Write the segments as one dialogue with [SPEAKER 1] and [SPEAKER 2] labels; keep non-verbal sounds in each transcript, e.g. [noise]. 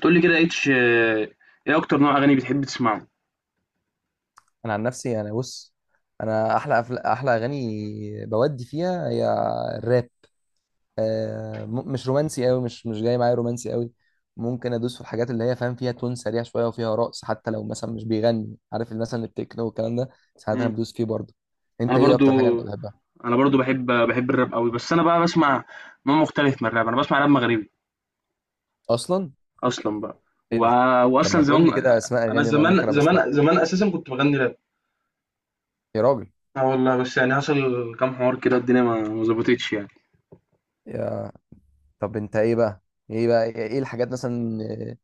[SPEAKER 1] تقول لي كده اتش ايه اكتر نوع اغاني بتحب تسمعه؟
[SPEAKER 2] انا عن نفسي انا بص. انا احلى احلى اغاني بودي فيها هي الراب. مش رومانسي قوي، مش جاي معايا رومانسي قوي. ممكن ادوس في الحاجات اللي هي، فاهم، فيها تون سريع شويه وفيها رقص، حتى لو مثلا مش بيغني، عارف، مثلا التكنو والكلام ده. ساعات انا
[SPEAKER 1] مم.
[SPEAKER 2] بدوس فيه برضه. انت
[SPEAKER 1] انا
[SPEAKER 2] ايه
[SPEAKER 1] برضو
[SPEAKER 2] اكتر حاجه انت بتحبها؟
[SPEAKER 1] انا برضو بحب الراب قوي، بس انا بقى بسمع نوع مختلف من الراب. انا بسمع راب مغربي
[SPEAKER 2] اصلا
[SPEAKER 1] اصلا بقى. و...
[SPEAKER 2] ايه ده؟ طب
[SPEAKER 1] واصلا
[SPEAKER 2] ما تقول لي
[SPEAKER 1] زمان.
[SPEAKER 2] كده اسماء اغاني
[SPEAKER 1] انا
[SPEAKER 2] اللي انا
[SPEAKER 1] زمان
[SPEAKER 2] ممكن ابقى اسمعها
[SPEAKER 1] زمان
[SPEAKER 2] يعني.
[SPEAKER 1] زمان اساسا كنت بغني راب.
[SPEAKER 2] يا راجل.
[SPEAKER 1] اه والله، بس يعني حصل كام حوار كده، الدنيا ما ظبطتش يعني.
[SPEAKER 2] يا... طب انت ايه بقى؟ ايه الحاجات مثلا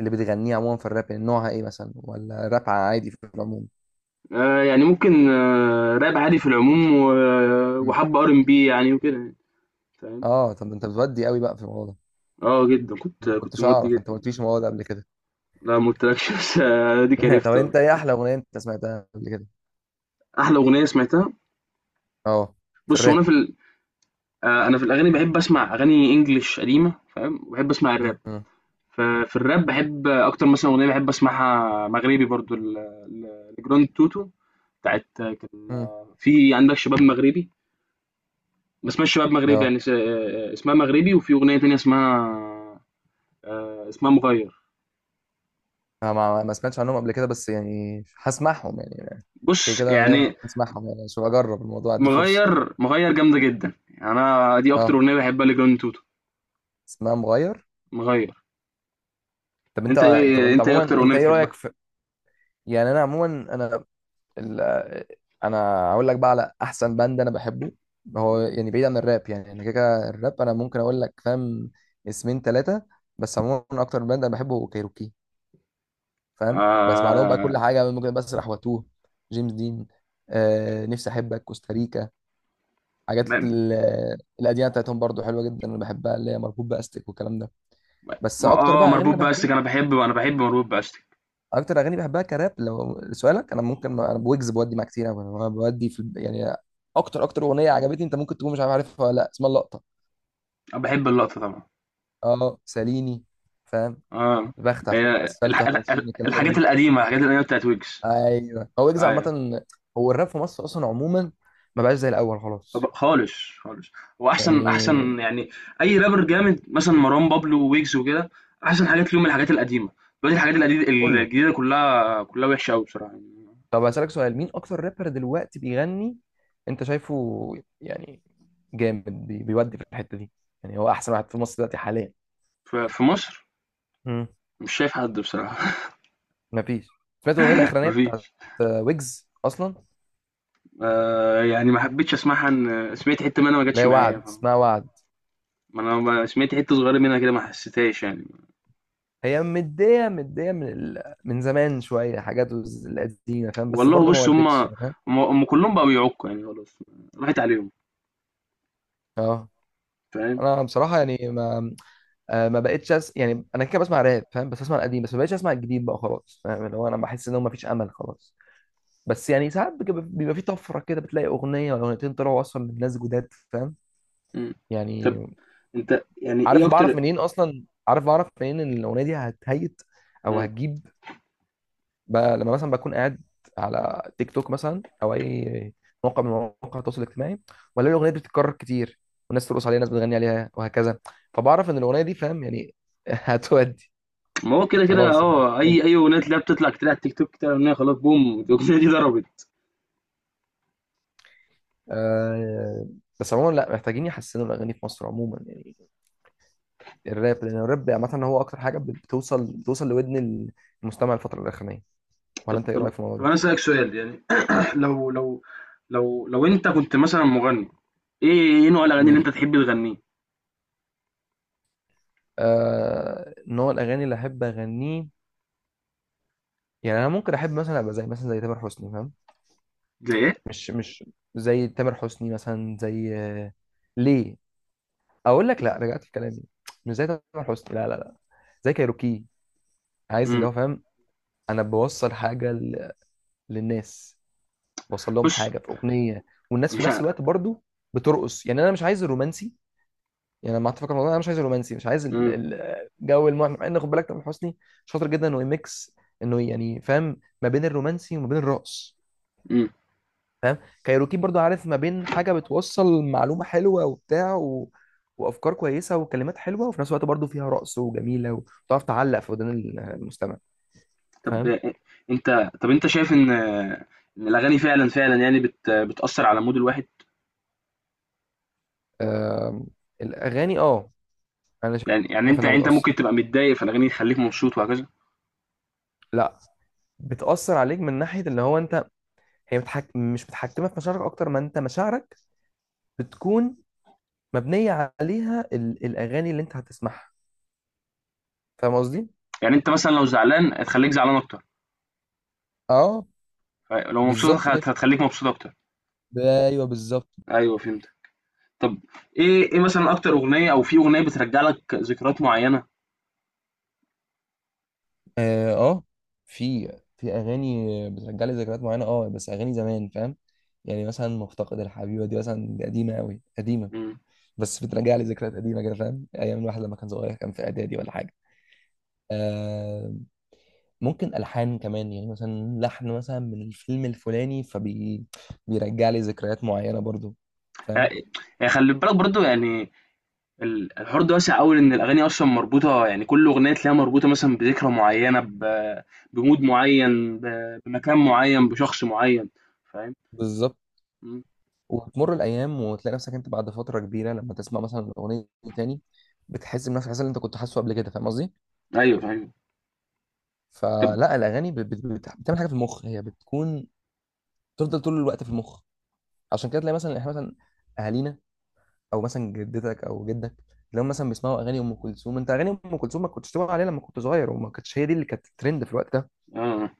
[SPEAKER 2] اللي بتغنيها عموما في الراب؟ يعني نوعها ايه مثلا، ولا راب عادي في العموم؟
[SPEAKER 1] يعني ممكن راب عادي في العموم
[SPEAKER 2] مم.
[SPEAKER 1] وحب ار ام بي يعني وكده يعني، فاهم.
[SPEAKER 2] اه، طب انت بتودي قوي بقى في الموضوع ده؟
[SPEAKER 1] اه جدا،
[SPEAKER 2] ما
[SPEAKER 1] كنت
[SPEAKER 2] كنتش
[SPEAKER 1] مودي
[SPEAKER 2] اعرف، انت ما
[SPEAKER 1] جدا.
[SPEAKER 2] قلتليش الموضوع ده قبل كده.
[SPEAKER 1] لا ما قلتلكش، بس دي
[SPEAKER 2] [laughs] طب
[SPEAKER 1] عرفتها.
[SPEAKER 2] انت ايه احلى اغنيه انت سمعتها قبل كده؟
[SPEAKER 1] احلى اغنيه سمعتها؟
[SPEAKER 2] اه، في
[SPEAKER 1] بُص، هو أنا
[SPEAKER 2] الراب.
[SPEAKER 1] في ال أنا في الأغاني باحب أسمع أغاني English قديمة، فاهم، وباحب أسمع
[SPEAKER 2] مم.
[SPEAKER 1] الراب.
[SPEAKER 2] مم.
[SPEAKER 1] ف في الراب باحب أكتر مثلًا أغنية باحب أسمعها مغربي برضه ل ل لجراند توتو، بتاعة كان
[SPEAKER 2] مم.
[SPEAKER 1] في عندك شباب مغربي. ما اسمهاش شباب مغربي،
[SPEAKER 2] اه.
[SPEAKER 1] يعني س اسمها مغربي. وفي أغنية تانية اسمها اسمها مغيّر.
[SPEAKER 2] أنا ما سمعتش عنهم قبل كده، بس يعني هسمعهم يعني. كده
[SPEAKER 1] بُص،
[SPEAKER 2] كده انا ناوي
[SPEAKER 1] يعني
[SPEAKER 2] اسمعهم يعني، عشان اجرب الموضوع، ادي فرصه.
[SPEAKER 1] مغيّر، مغيّر جامدة جدًا، يعني أنا دي أكتر
[SPEAKER 2] اه،
[SPEAKER 1] أغنية باحبها لجراند توتو،
[SPEAKER 2] اسمها مغير.
[SPEAKER 1] مغيّر.
[SPEAKER 2] طب انت، طب انت
[SPEAKER 1] أنت إيه
[SPEAKER 2] عموما،
[SPEAKER 1] أكتر أغنية
[SPEAKER 2] انت ايه
[SPEAKER 1] بتحبها؟
[SPEAKER 2] رايك في، يعني انا عموما، انا ال- انا هقول لك بقى على احسن باند انا بحبه. هو يعني بعيد عن الراب، يعني انا كده كده الراب انا ممكن اقول لك، فاهم، اسمين ثلاثه. بس عموما اكتر باند انا بحبه هو كايروكي، فاهم، بسمع لهم بقى
[SPEAKER 1] آآ
[SPEAKER 2] كل حاجه، ممكن بسرح واتوه. جيمس دين، آه نفسي احبك، كوستاريكا،
[SPEAKER 1] ب
[SPEAKER 2] حاجات القديمه بتاعتهم برضو حلوه جدا، انا بحبها، اللي هي مربوط باستك والكلام ده. بس
[SPEAKER 1] ما
[SPEAKER 2] اكتر
[SPEAKER 1] اه
[SPEAKER 2] بقى اغاني
[SPEAKER 1] مربوط
[SPEAKER 2] انا
[SPEAKER 1] بأستك،
[SPEAKER 2] بحبها،
[SPEAKER 1] انا بحب مربوط بأستك.
[SPEAKER 2] اكتر اغاني بحبها كراب لو سؤالك، انا ممكن، انا بويجز بودي معاه كتير أوي. انا بودي في يعني، اكتر اغنيه عجبتني، انت ممكن تكون مش عارفها ولا لا، اسمها اللقطه.
[SPEAKER 1] انا بحب اللقطة طبعا.
[SPEAKER 2] اه، ساليني، فاهم،
[SPEAKER 1] اه.
[SPEAKER 2] بخت على فريق
[SPEAKER 1] هي
[SPEAKER 2] الاسفلت
[SPEAKER 1] الح... الح... الح-
[SPEAKER 2] 21، الكلام ده كله.
[SPEAKER 1] الحاجات القديمة بتاعت ويجز.
[SPEAKER 2] ايوه، هو ويجز
[SPEAKER 1] ايوه.
[SPEAKER 2] عامه، هو الراب في مصر اصلا عموما ما بقاش زي الاول
[SPEAKER 1] طب
[SPEAKER 2] خلاص،
[SPEAKER 1] خالص. خالص. واحسن احسن
[SPEAKER 2] يعني
[SPEAKER 1] احسن يعني، اي رابر جامد مثلا مروان بابلو وويجز وكده، احسن حاجات ليهم الحاجات القديمة. دلوقتي الحاجات القديمة
[SPEAKER 2] كله.
[SPEAKER 1] الجديدة كلها كلها وحشة قوي بصراحة يعني.
[SPEAKER 2] طب هسألك سؤال، مين اكتر رابر دلوقتي بيغني انت شايفه يعني جامد، بيودي في الحته دي، يعني هو احسن واحد في مصر دلوقتي حاليا؟
[SPEAKER 1] في مصر مش شايف حد بصراحة.
[SPEAKER 2] مفيش. سمعت الاغنيه
[SPEAKER 1] [laughs]
[SPEAKER 2] الاخرانيه بتاعت
[SPEAKER 1] مفيش.
[SPEAKER 2] ويجز اصلا، اللي
[SPEAKER 1] يعني ما حبيتش اسمعها. ان سمعت حتة منها، ما جاتش
[SPEAKER 2] هي
[SPEAKER 1] معايا
[SPEAKER 2] وعد،
[SPEAKER 1] فاهم؟
[SPEAKER 2] اسمها وعد؟
[SPEAKER 1] ما انا سمعت حتة صغيرة منها كده، ما حسيتهاش يعني.
[SPEAKER 2] هي مديه مديه من من زمان شويه، حاجات القديمه فاهم، بس
[SPEAKER 1] والله
[SPEAKER 2] برضو ما
[SPEAKER 1] بص،
[SPEAKER 2] ودتش
[SPEAKER 1] هما
[SPEAKER 2] يعني، فاهم.
[SPEAKER 1] كلهم بقوا بيعكوا يعني خلاص. راحت عليهم.
[SPEAKER 2] اه،
[SPEAKER 1] فاهم.
[SPEAKER 2] انا بصراحه يعني ما، ما بقتش يعني انا كده بسمع راب، فاهم، بس بسمع القديم بس، ما بقتش اسمع الجديد بقى خلاص، فاهم، اللي هو انا بحس ان هو ما فيش امل خلاص. بس يعني ساعات بيبقى في طفره كده، بتلاقي اغنيه ولا اغنيتين طلعوا اصلا من ناس جداد، فاهم
[SPEAKER 1] مم. طب
[SPEAKER 2] يعني.
[SPEAKER 1] انت يعني
[SPEAKER 2] عارف
[SPEAKER 1] ايه اكتر؟
[SPEAKER 2] بعرف منين ان الاغنيه دي هتهيت او
[SPEAKER 1] اه
[SPEAKER 2] هتجيب. لما مثلا بكون قاعد على تيك توك مثلا، او اي موقع من مواقع التواصل الاجتماعي، ولا الاغنيه دي بتتكرر كتير، والناس ترقص عليها، ناس بتغني عليها وهكذا، فبعرف ان الاغنيه دي، فاهم يعني، [laughs] هتودي
[SPEAKER 1] ما هو كده كده،
[SPEAKER 2] خلاص
[SPEAKER 1] اه
[SPEAKER 2] يعني.
[SPEAKER 1] اي اغنيه تلاقيها بتطلع كتير على التيك توك كده، اغنيه خلاص، بوم الاغنيه دي ضربت.
[SPEAKER 2] آه بس عموما لا، محتاجين يحسنوا الاغاني في مصر عموما يعني الراب، لان الراب عامه هو اكتر حاجه بتوصل لودن المستمع الفتره الاخرانيه. ولا
[SPEAKER 1] طب
[SPEAKER 2] انت ايه
[SPEAKER 1] طب
[SPEAKER 2] رايك في الموضوع
[SPEAKER 1] طب
[SPEAKER 2] ده؟
[SPEAKER 1] انا اسالك سؤال يعني. [clears throat] لو لو لو انت كنت مثلا مغني، ايه نوع الاغاني اللي
[SPEAKER 2] ماشي.
[SPEAKER 1] انت تحب تغنيه؟
[SPEAKER 2] نوع الاغاني اللي احب اغنيه، يعني انا ممكن احب مثلا ابقى زي مثلا زي تامر حسني، فاهم،
[SPEAKER 1] زي ايه؟
[SPEAKER 2] مش زي تامر حسني مثلا، زي ليه. اقول لك لا، رجعت في كلامي. مش زي تامر حسني، لا لا لا، زي كايروكي. عايز اللي
[SPEAKER 1] امم
[SPEAKER 2] هو، فاهم، انا بوصل حاجه للناس، بوصل لهم
[SPEAKER 1] بص.
[SPEAKER 2] حاجه في اغنيه، والناس في
[SPEAKER 1] مش ع-
[SPEAKER 2] نفس الوقت برضو بترقص. يعني انا مش عايز الرومانسي، يعني انا ما اتفق الموضوع، انا مش عايز الرومانسي، مش عايز
[SPEAKER 1] امم
[SPEAKER 2] الجو. المهم، مع ان خد بالك تامر حسني شاطر جدا انه يميكس، انه يعني، فاهم، ما بين الرومانسي وما بين الرقص،
[SPEAKER 1] امم
[SPEAKER 2] فاهم. كايروكي برضو، عارف، ما بين حاجه بتوصل معلومه حلوه وبتاع وافكار كويسه وكلمات حلوه، وفي نفس الوقت برضو فيها رقص وجميله وتعرف تعلق في ودان المستمع،
[SPEAKER 1] طب
[SPEAKER 2] فاهم.
[SPEAKER 1] إيه، انت. طب انت شايف ان الاغاني فعلا فعلا يعني بتاثر على مود الواحد؟
[SPEAKER 2] آم، الاغاني اه. انا
[SPEAKER 1] يعني
[SPEAKER 2] شايف
[SPEAKER 1] انت
[SPEAKER 2] انها
[SPEAKER 1] ممكن
[SPEAKER 2] بتاثر.
[SPEAKER 1] تبقى متضايق فالاغاني تخليك مبسوط وهكذا.
[SPEAKER 2] لا بتاثر عليك من ناحيه اللي هو انت، هي مش متحكمه في مشاعرك اكتر ما انت مشاعرك بتكون مبنيه عليها الاغاني اللي انت هتسمعها، فاهم قصدي.
[SPEAKER 1] يعني انت مثلا لو زعلان هتخليك زعلان اكتر،
[SPEAKER 2] اه
[SPEAKER 1] لو مبسوط
[SPEAKER 2] بالظبط كده،
[SPEAKER 1] هتخليك مبسوط اكتر.
[SPEAKER 2] ايوه بالظبط.
[SPEAKER 1] ايوه فهمت. طب ايه مثلا اكتر اغنيه، او في اغنيه بترجع لك ذكريات معينه؟
[SPEAKER 2] اه، في، في اغاني بترجع لي ذكريات معينه اه، بس اغاني زمان، فاهم. يعني مثلا مفتقد الحبيبه دي مثلا، دي قديمه قوي قديمه،
[SPEAKER 1] امم
[SPEAKER 2] بس بترجع لي ذكريات قديمه كده، فاهم، ايام الواحد لما كان صغير، كان في اعدادي ولا حاجه. آه، ممكن الحان كمان يعني، مثلا لحن مثلا من الفيلم الفلاني، فبي بيرجع لي ذكريات معينه برضو، فاهم.
[SPEAKER 1] يعني خلي بالك برضو يعني، الحوار ده واسع قوي. ان الاغاني اصلا مربوطه، يعني كل اغنيه تلاقيها مربوطه مثلا بذكرى معينه، بمود معين، بمكان معين، بشخص معين. فاهم.
[SPEAKER 2] بالظبط.
[SPEAKER 1] مم.
[SPEAKER 2] وتمر الايام وتلاقي نفسك انت بعد فتره كبيره، لما تسمع مثلا الاغنيه دي تاني، بتحس بنفس الاحساس اللي انت كنت حاسه قبل كده، فاهم قصدي.
[SPEAKER 1] ايوه ايوه. طب
[SPEAKER 2] فلا الاغاني بتعمل حاجه في المخ، هي بتكون تفضل طول الوقت في المخ. عشان كده تلاقي مثلا احنا مثلا، اهالينا او مثلا جدتك او جدك، لو مثلا بيسمعوا اغاني ام كلثوم، انت اغاني ام كلثوم ما كنتش تسمع عليها لما كنت صغير، وما كانتش هي دي اللي كانت ترند في الوقت ده
[SPEAKER 1] اه،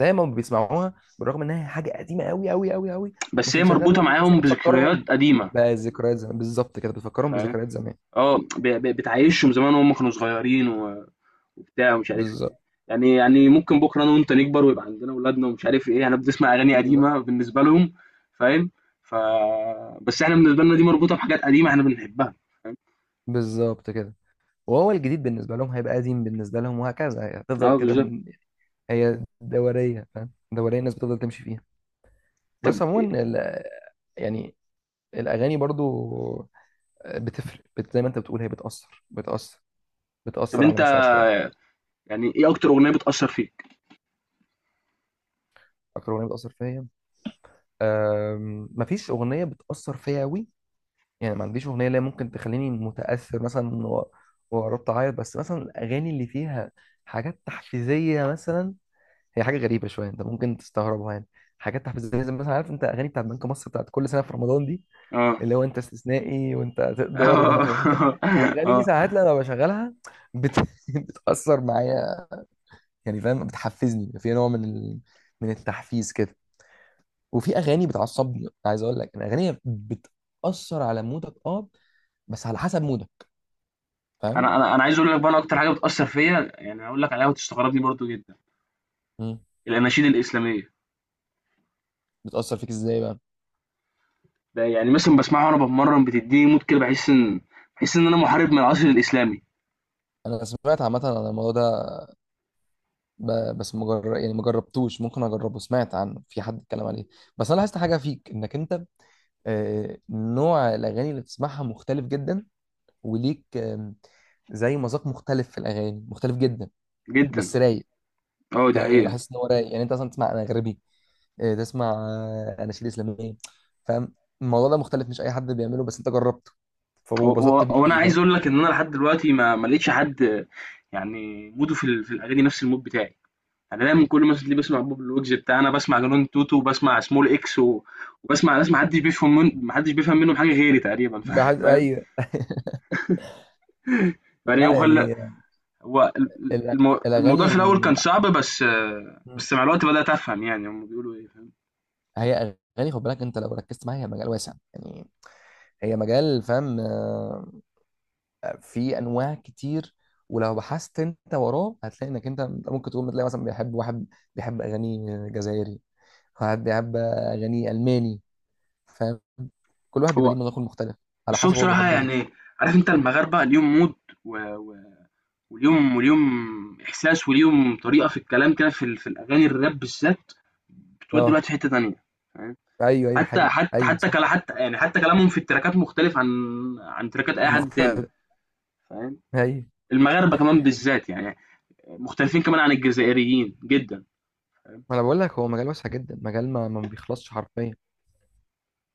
[SPEAKER 2] زي ما بيسمعوها، بالرغم انها حاجه قديمه قوي قوي قوي قوي، مش
[SPEAKER 1] بس هي
[SPEAKER 2] اللي شغال
[SPEAKER 1] مربوطه
[SPEAKER 2] دلوقتي، بس هي
[SPEAKER 1] معاهم
[SPEAKER 2] بتفكرهم
[SPEAKER 1] بذكريات قديمه
[SPEAKER 2] بذكريات زمان. بالظبط كده، بتفكرهم
[SPEAKER 1] فاهم.
[SPEAKER 2] بذكريات زمان.
[SPEAKER 1] اه بتعيشهم زمان وهم كانوا صغيرين وبتاع ومش عارف ايه.
[SPEAKER 2] بالظبط
[SPEAKER 1] يعني، يعني ممكن بكره انا وانت نكبر ويبقى عندنا اولادنا ومش عارف ايه، احنا بنسمع اغاني
[SPEAKER 2] بالظبط
[SPEAKER 1] قديمه بالنسبه لهم فاهم. ف بس احنا بالنسبه لنا دي مربوطه بحاجات قديمه احنا بنحبها فاهم.
[SPEAKER 2] بالظبط كده. وهو الجديد بالنسبه لهم هيبقى قديم بالنسبه لهم، وهكذا هتفضل
[SPEAKER 1] اه
[SPEAKER 2] كده.
[SPEAKER 1] بالظبط.
[SPEAKER 2] هي دورية، فاهم، دورية الناس بتفضل تمشي فيها.
[SPEAKER 1] طب،
[SPEAKER 2] بس عموما يعني الأغاني برضو بتفرق، بت زي ما أنت بتقول، هي بتأثر، بتأثر،
[SPEAKER 1] طب
[SPEAKER 2] بتأثر على
[SPEAKER 1] انت
[SPEAKER 2] مشاعر شوية.
[SPEAKER 1] يعني، ايه اكتر اغنيه بتاثر فيك؟
[SPEAKER 2] أكتر أغنية بتأثر فيا، مفيش أغنية بتأثر فيا أوي، يعني ما عنديش أغنية اللي هي ممكن تخليني متأثر مثلا وقربت أعيط. بس مثلا الأغاني اللي فيها حاجات تحفيزية مثلا، هي حاجة غريبة شوية، أنت ممكن تستغربها يعني، حاجات تحفيزية زي مثلا، عارف أنت، أغاني بتاعت بنك مصر بتاعت كل سنة في رمضان دي،
[SPEAKER 1] اه.
[SPEAKER 2] اللي هو انت استثنائي وانت
[SPEAKER 1] اه.
[SPEAKER 2] هتقدر وانت وانت.
[SPEAKER 1] [laughs]
[SPEAKER 2] الاغاني دي
[SPEAKER 1] اه.
[SPEAKER 2] ساعات لما بشغلها بت... [laughs] بتاثر معايا يعني، فاهم، بتحفزني في نوع من من التحفيز كده. وفي اغاني بتعصبني. عايز اقول لك الاغاني بتاثر على مودك، اه، بس على حسب مودك، فاهم.
[SPEAKER 1] انا عايز اقول لك بقى، انا اكتر حاجه بتاثر فيا يعني هقول لك عليها وتستغربني برضو جدا.
[SPEAKER 2] مم.
[SPEAKER 1] الاناشيد الاسلاميه.
[SPEAKER 2] بتاثر فيك ازاي بقى؟
[SPEAKER 1] ده يعني مثلا بسمعها وانا بتمرن، بتديني مود كده، بحس ان انا محارب من العصر الاسلامي.
[SPEAKER 2] انا سمعت عامه عن الموضوع ده، بس مجرد يعني ما جربتوش، ممكن اجربه، سمعت عنه، في حد اتكلم عليه. بس انا لاحظت حاجه فيك، انك انت نوع الاغاني اللي بتسمعها مختلف جدا، وليك زي مذاق مختلف في الاغاني، مختلف جدا
[SPEAKER 1] جدا.
[SPEAKER 2] بس رايق،
[SPEAKER 1] اه دي
[SPEAKER 2] فاهم يعني. انا
[SPEAKER 1] حقيقة.
[SPEAKER 2] بحس ان هو رايق، يعني انت اصلا تسمع انغربي، تسمع اناشيد اسلاميه، فاهم. الموضوع ده مختلف، مش اي حد بيعمله، بس انت جربته فبسطت
[SPEAKER 1] هو انا
[SPEAKER 2] بيه،
[SPEAKER 1] عايز
[SPEAKER 2] فاهم.
[SPEAKER 1] اقول لك ان انا لحد دلوقتي ما لقيتش حد يعني موده في في الاغاني نفس المود بتاعي. يعني انا دايما كل ما اللي بسمع بوب الوجز بتاعنا، بسمع جنون توتو، وبسمع سمول اكس وبسمع ناس ما حدش بيفهم منهم حاجه غيري تقريبا.
[SPEAKER 2] ما
[SPEAKER 1] [laughs]
[SPEAKER 2] حد،
[SPEAKER 1] فاهم.
[SPEAKER 2] ايوه. [laughs]
[SPEAKER 1] يعني
[SPEAKER 2] لا
[SPEAKER 1] هو
[SPEAKER 2] يعني
[SPEAKER 1] هو
[SPEAKER 2] الأ-
[SPEAKER 1] الموضوع
[SPEAKER 2] الاغاني
[SPEAKER 1] في الاول كان صعب بس بس مع الوقت بدات افهم يعني هم بيقولوا ايه، فاهم.
[SPEAKER 2] هي اغاني، خد بالك انت لو ركزت معايا، هي مجال واسع يعني، هي مجال، فاهم، في انواع كتير. ولو بحثت انت وراه هتلاقي انك انت ممكن تكون بتلاقي مثلا، بيحب واحد بيحب اغاني جزائري، واحد بيحب اغاني الماني، فاهم. كل واحد بيبقى
[SPEAKER 1] هو
[SPEAKER 2] ليه مذاق مختلف على
[SPEAKER 1] بس هو
[SPEAKER 2] حسب هو
[SPEAKER 1] بصراحة
[SPEAKER 2] بيحب ايه.
[SPEAKER 1] يعني، عارف انت المغاربة ليهم مود و... و... وليهم احساس وليهم طريقة في الكلام كده في, في الاغاني الراب بالذات بتودي
[SPEAKER 2] اه
[SPEAKER 1] الوقت في حتة تانية. فاهم.
[SPEAKER 2] ايوه ايوه حقيقي، ايوه صح،
[SPEAKER 1] حتى يعني حتى كلامهم في التراكات مختلف عن تراكات اي حد تاني.
[SPEAKER 2] مختلف،
[SPEAKER 1] فاهم.
[SPEAKER 2] ايوه.
[SPEAKER 1] المغاربة كمان بالذات يعني مختلفين كمان عن الجزائريين جدا. فاهم؟
[SPEAKER 2] ما انا بقول لك، هو مجال واسع جدا، مجال ما بيخلصش حرفيا.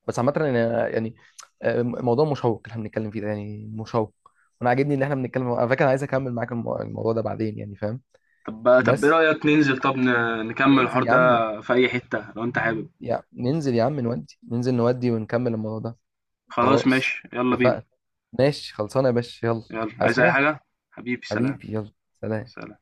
[SPEAKER 2] بس عامه أنا يعني، موضوع مشوق اللي احنا بنتكلم فيه ده، يعني مشوق، وانا عاجبني ان احنا بنتكلم على فكره، انا عايز اكمل معاك الموضوع ده بعدين، يعني فاهم.
[SPEAKER 1] طب طب ايه
[SPEAKER 2] بس
[SPEAKER 1] رأيك ننزل، طب نكمل الحوار
[SPEAKER 2] ننزل يا
[SPEAKER 1] ده
[SPEAKER 2] عم،
[SPEAKER 1] في اي حتة لو انت حابب.
[SPEAKER 2] يا ننزل يا عم نودي، ننزل نودي ونكمل الموضوع ده.
[SPEAKER 1] خلاص
[SPEAKER 2] خلاص،
[SPEAKER 1] ماشي يلا بينا.
[SPEAKER 2] اتفقنا. ماشي، خلصانه يا باشا، يلا.
[SPEAKER 1] يلا،
[SPEAKER 2] عايز
[SPEAKER 1] عايز اي
[SPEAKER 2] حاجه.
[SPEAKER 1] حاجة؟ حبيبي، سلام.
[SPEAKER 2] حبيبي يلا، سلام.
[SPEAKER 1] سلام.